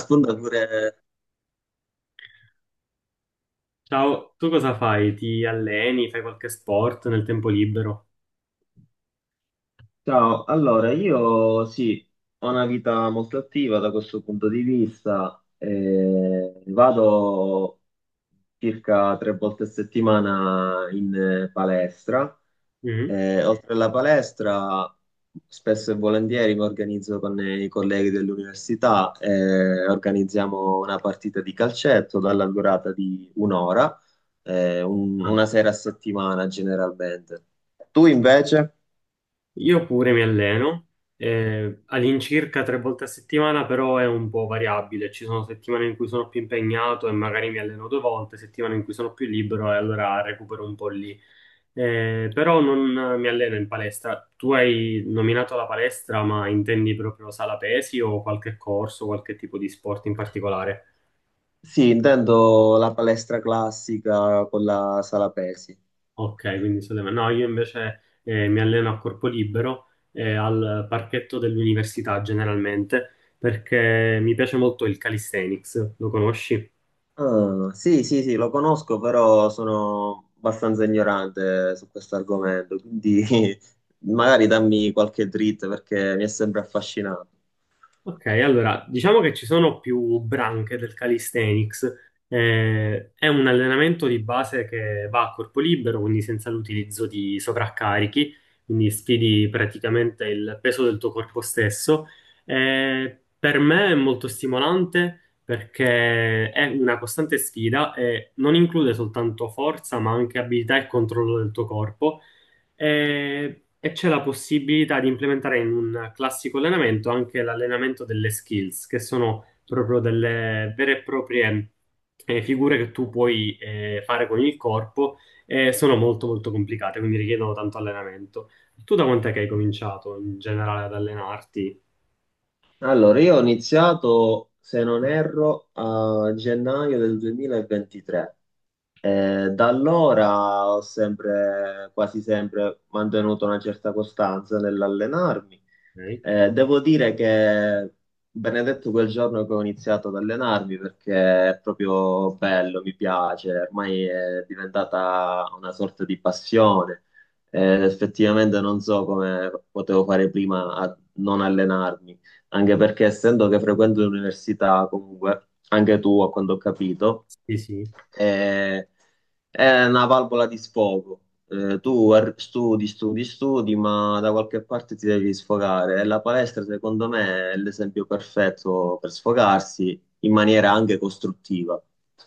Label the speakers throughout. Speaker 1: Sfondature.
Speaker 2: Ciao, tu cosa fai? Ti alleni? Fai qualche sport nel tempo libero?
Speaker 1: Ciao, allora io sì, ho una vita molto attiva da questo punto di vista, vado circa tre volte a settimana in palestra.
Speaker 2: Mhm.
Speaker 1: Eh, oltre alla palestra spesso e volentieri mi organizzo con i colleghi dell'università, organizziamo una partita di calcetto dalla durata di un'ora, una sera a settimana generalmente. Tu invece?
Speaker 2: Io pure mi alleno, all'incirca tre volte a settimana, però è un po' variabile. Ci sono settimane in cui sono più impegnato e magari mi alleno due volte, settimane in cui sono più libero e allora recupero un po' lì. Però non mi alleno in palestra. Tu hai nominato la palestra, ma intendi proprio sala pesi o qualche corso, qualche tipo di sport in particolare?
Speaker 1: Sì, intendo la palestra classica con la sala pesi.
Speaker 2: Ok, quindi state- No, io invece mi alleno a corpo libero al parchetto dell'università generalmente perché mi piace molto il calisthenics, lo conosci?
Speaker 1: Ah, sì, sì, sì, lo conosco, però sono abbastanza ignorante su questo argomento, quindi magari dammi qualche dritta perché mi è sempre affascinato.
Speaker 2: Ok, allora diciamo che ci sono più branche del calisthenics. È un allenamento di base che va a corpo libero, quindi senza l'utilizzo di sovraccarichi, quindi sfidi praticamente il peso del tuo corpo stesso. Per me è molto stimolante perché è una costante sfida e non include soltanto forza, ma anche abilità e controllo del tuo corpo. E c'è la possibilità di implementare in un classico allenamento anche l'allenamento delle skills, che sono proprio delle vere e proprie figure che tu puoi fare con il corpo e sono molto complicate, quindi richiedono tanto allenamento. Tu da quant'è che hai cominciato in generale ad allenarti?
Speaker 1: Allora, io ho iniziato, se non erro, a gennaio del 2023. Da allora ho sempre, quasi sempre mantenuto una certa costanza nell'allenarmi.
Speaker 2: Ok.
Speaker 1: Devo dire che benedetto quel giorno che ho iniziato ad allenarmi perché è proprio bello, mi piace, ormai è diventata una sorta di passione. Effettivamente non so come potevo fare prima a non allenarmi anche perché essendo che frequento l'università comunque, anche tu a quanto ho capito,
Speaker 2: Sì, sì.
Speaker 1: è, è una valvola di sfogo. Tu studi, studi, studi, ma da qualche parte ti devi sfogare e la palestra secondo me è l'esempio perfetto per sfogarsi in maniera anche costruttiva,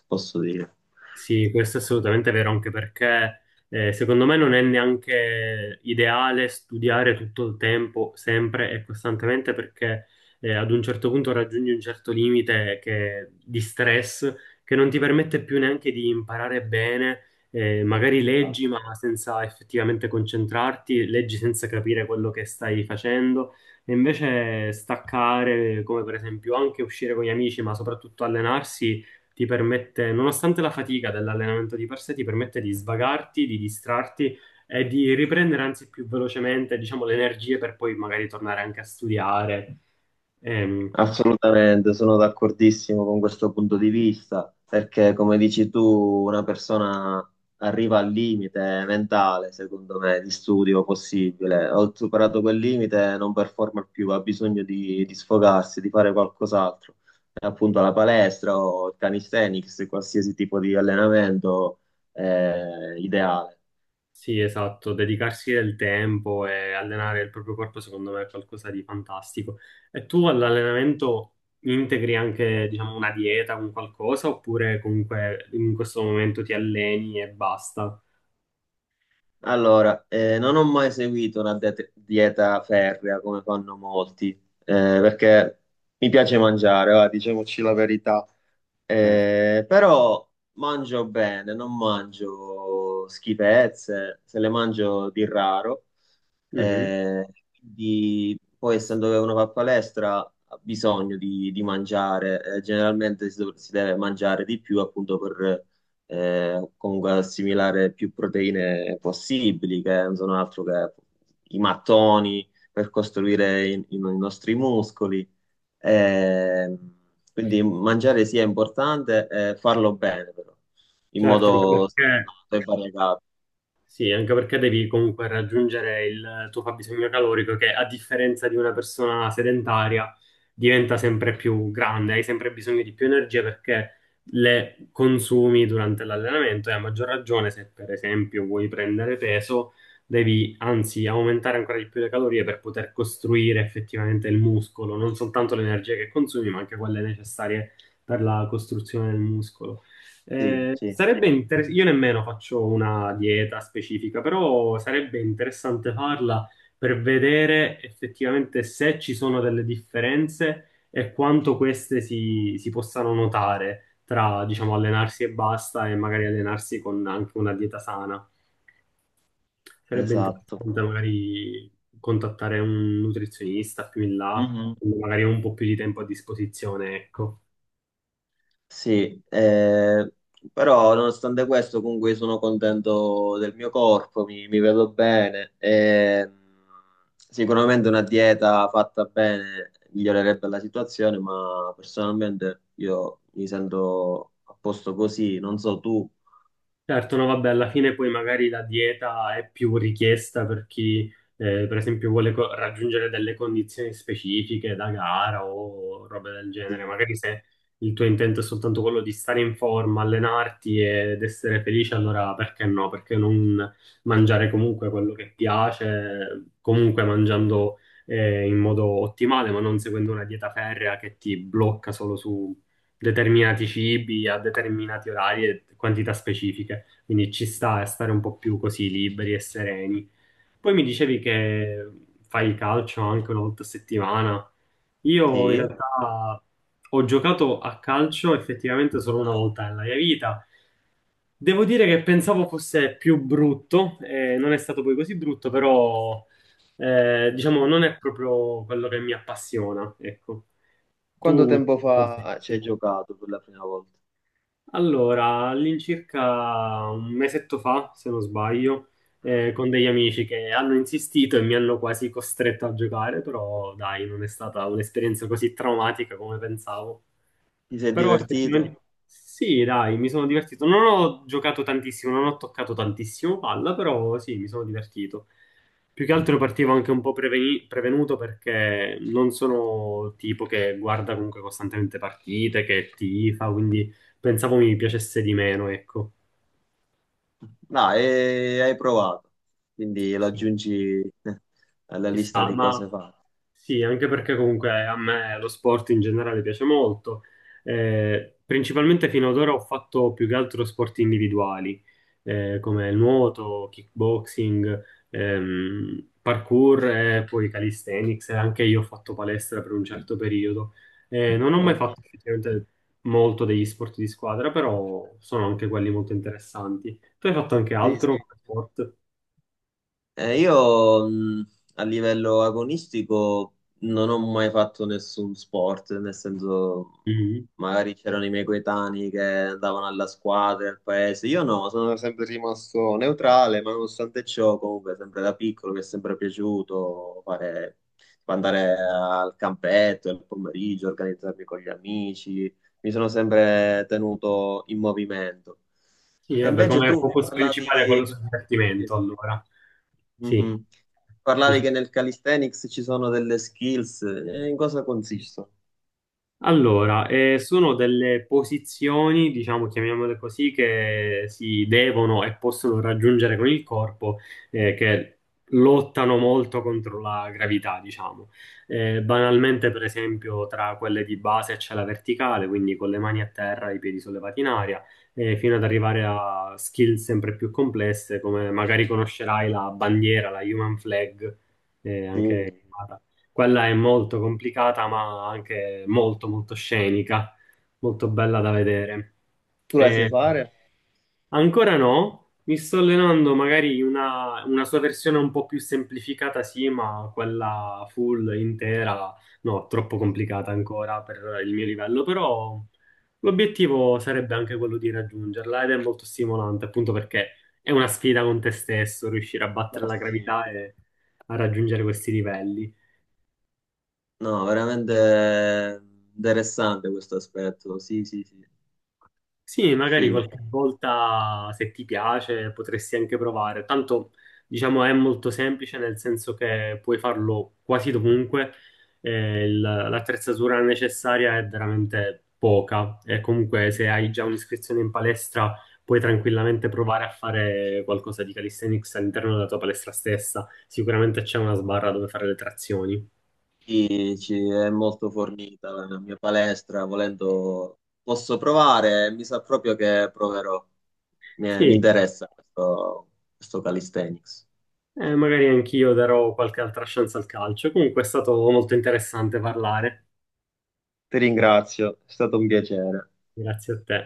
Speaker 1: posso dire.
Speaker 2: Sì, questo è assolutamente vero, anche perché secondo me non è neanche ideale studiare tutto il tempo, sempre e costantemente, perché ad un certo punto raggiungi un certo limite che- di stress che non ti permette più neanche di imparare bene. Magari leggi, ma senza effettivamente concentrarti, leggi senza capire quello che stai facendo. E invece staccare, come per esempio anche uscire con gli amici, ma soprattutto allenarsi ti permette, nonostante la fatica dell'allenamento di per sé, ti permette di svagarti, di distrarti e di riprendere anzi più velocemente, diciamo, le energie per poi magari tornare anche a studiare. Ehm,
Speaker 1: Assolutamente, sono d'accordissimo con questo punto di vista, perché come dici tu, una persona arriva al limite mentale, secondo me, di studio possibile. Ho superato quel limite, non performa più, ha bisogno di sfogarsi, di fare qualcos'altro. E appunto la palestra o il calisthenics, qualsiasi tipo di allenamento è ideale.
Speaker 2: sì, esatto, dedicarsi del tempo e allenare il proprio corpo, secondo me, è qualcosa di fantastico. E tu all'allenamento integri anche, diciamo, una dieta, un qualcosa, oppure comunque in questo momento ti alleni e basta?
Speaker 1: Allora, non ho mai seguito una dieta ferrea come fanno molti, perché mi piace mangiare, va, diciamoci la verità.
Speaker 2: Certo.
Speaker 1: Però mangio bene, non mangio schifezze, se le mangio di raro.
Speaker 2: Mhm.
Speaker 1: Eh, quindi, poi, essendo che uno fa palestra, ha bisogno di mangiare. Generalmente si, si deve mangiare di più, appunto, per comunque assimilare più proteine possibili, che non sono altro che i mattoni per costruire i nostri muscoli. Eh, quindi mangiare sì è importante, farlo bene però, in
Speaker 2: Certo, anche
Speaker 1: modo
Speaker 2: perché
Speaker 1: sano e variegato.
Speaker 2: sì, anche perché devi comunque raggiungere il tuo fabbisogno calorico che a differenza di una persona sedentaria diventa sempre più grande, hai sempre bisogno di più energia perché le consumi durante l'allenamento e a maggior ragione se per esempio vuoi prendere peso, devi anzi aumentare ancora di più le calorie per poter costruire effettivamente il muscolo, non soltanto l'energia che consumi, ma anche quelle necessarie per la costruzione del muscolo.
Speaker 1: Sì,
Speaker 2: Eh,
Speaker 1: sì,
Speaker 2: sarebbe interessante, io nemmeno faccio una dieta specifica, però sarebbe interessante farla per vedere effettivamente se ci sono delle differenze e quanto queste si possano notare tra, diciamo, allenarsi e basta e magari allenarsi con anche una dieta sana. Sarebbe
Speaker 1: esatto.
Speaker 2: interessante magari contattare un nutrizionista più in là,
Speaker 1: Mhm.
Speaker 2: quando magari ho un po' più di tempo a disposizione, ecco.
Speaker 1: Sì, però nonostante questo comunque sono contento del mio corpo, mi vedo bene. E, sicuramente una dieta fatta bene migliorerebbe la situazione, ma personalmente io mi sento a posto così, non so tu.
Speaker 2: Certo, no, vabbè, alla fine poi magari la dieta è più richiesta per chi, per esempio, vuole co- raggiungere delle condizioni specifiche da gara o robe del genere.
Speaker 1: Sì.
Speaker 2: Magari se il tuo intento è soltanto quello di stare in forma, allenarti ed essere felice, allora perché no? Perché non mangiare comunque quello che piace, comunque mangiando, in modo ottimale, ma non seguendo una dieta ferrea che ti blocca solo su determinati cibi a determinati orari e quantità specifiche. Quindi ci sta a stare un po' più così liberi e sereni. Poi mi dicevi che fai il calcio anche una volta a settimana. Io in
Speaker 1: Sì.
Speaker 2: realtà ho giocato a calcio effettivamente solo una volta nella mia vita. Devo dire che pensavo fosse più brutto, non è stato poi così brutto, però diciamo non è proprio quello che mi appassiona, ecco.
Speaker 1: Quanto
Speaker 2: Tu
Speaker 1: tempo fa ci hai giocato per la prima volta?
Speaker 2: Allora, all'incirca un mesetto fa, se non sbaglio, con degli amici che hanno insistito e mi hanno quasi costretto a giocare, però dai, non è stata un'esperienza così traumatica come pensavo.
Speaker 1: Ti sei
Speaker 2: Però
Speaker 1: divertito?
Speaker 2: effettivamente sì, dai, mi sono divertito. Non ho giocato tantissimo, non ho toccato tantissimo palla, però sì, mi sono divertito. Più che altro partivo anche un po' preveni- prevenuto perché non sono tipo che guarda comunque costantemente partite, che tifa, quindi pensavo mi piacesse di meno, ecco.
Speaker 1: No, e hai provato, quindi lo
Speaker 2: Sì.
Speaker 1: aggiungi eh, alla
Speaker 2: Ci
Speaker 1: lista
Speaker 2: sta,
Speaker 1: di cose
Speaker 2: ma
Speaker 1: fatte.
Speaker 2: sì, anche perché comunque a me lo sport in generale piace molto. Principalmente fino ad ora ho fatto più che altro sport individuali, come nuoto, kickboxing, parkour e poi calisthenics. E anche io ho fatto palestra per un certo periodo. Non ho mai
Speaker 1: Ah,
Speaker 2: fatto effettivamente molto degli sport di squadra, però sono anche quelli molto interessanti. Tu hai fatto anche
Speaker 1: sì,
Speaker 2: altro
Speaker 1: sì.
Speaker 2: sport?
Speaker 1: Io a livello agonistico non ho mai fatto nessun sport, nel senso
Speaker 2: Mm-hmm.
Speaker 1: magari c'erano i miei coetanei che andavano alla squadra, al paese, io no, sono sempre rimasto neutrale, ma nonostante ciò comunque sempre da piccolo mi è sempre piaciuto fare, andare al campetto il pomeriggio, organizzarmi con gli amici, mi sono sempre tenuto in movimento.
Speaker 2: Sì,
Speaker 1: E
Speaker 2: vabbè,
Speaker 1: invece
Speaker 2: come
Speaker 1: tu mi
Speaker 2: focus principale è quello
Speaker 1: parlavi...
Speaker 2: sul divertimento, allora. Sì.
Speaker 1: Mhm. Parlavi
Speaker 2: Dice-
Speaker 1: che nel calisthenics ci sono delle skills, e in cosa consistono?
Speaker 2: Allora, sono delle posizioni, diciamo, chiamiamole così, che si devono e possono raggiungere con il corpo, che lottano molto contro la gravità, diciamo. Banalmente, per esempio, tra quelle di base c'è la verticale, quindi con le mani a terra, i piedi sollevati in aria, fino ad arrivare a skill sempre più complesse, come magari conoscerai la bandiera, la human flag,
Speaker 1: Sì.
Speaker 2: anche... Quella è molto complicata, ma anche molto, molto scenica, molto bella da vedere.
Speaker 1: Tu le sai
Speaker 2: E
Speaker 1: fare?
Speaker 2: ancora no, mi sto allenando magari una sua versione un po' più semplificata, sì, ma quella full, intera, no, troppo complicata ancora per il mio livello, però l'obiettivo sarebbe anche quello di raggiungerla ed è molto stimolante, appunto perché è una sfida con te stesso, riuscire a battere
Speaker 1: Ma
Speaker 2: la
Speaker 1: sì.
Speaker 2: gravità e a raggiungere questi livelli.
Speaker 1: No, veramente eh, interessante questo aspetto. Sì, sì, sì,
Speaker 2: Sì, magari
Speaker 1: figo.
Speaker 2: qualche volta se ti piace potresti anche provare. Tanto, diciamo, è molto semplice nel senso che puoi farlo quasi dovunque. Il- l'attrezzatura necessaria è veramente poca e comunque se hai già un'iscrizione in palestra puoi tranquillamente provare a fare qualcosa di calisthenics all'interno della tua palestra stessa. Sicuramente c'è una sbarra dove fare le trazioni.
Speaker 1: Sì, ci è molto fornita la mia palestra, volendo posso provare, mi sa proprio che proverò. Mi
Speaker 2: Sì,
Speaker 1: interessa questo, questo calisthenics.
Speaker 2: eh, magari anch'io darò qualche altra chance al calcio. Comunque è stato molto interessante parlare.
Speaker 1: Ti ringrazio, è stato un piacere.
Speaker 2: Grazie a te.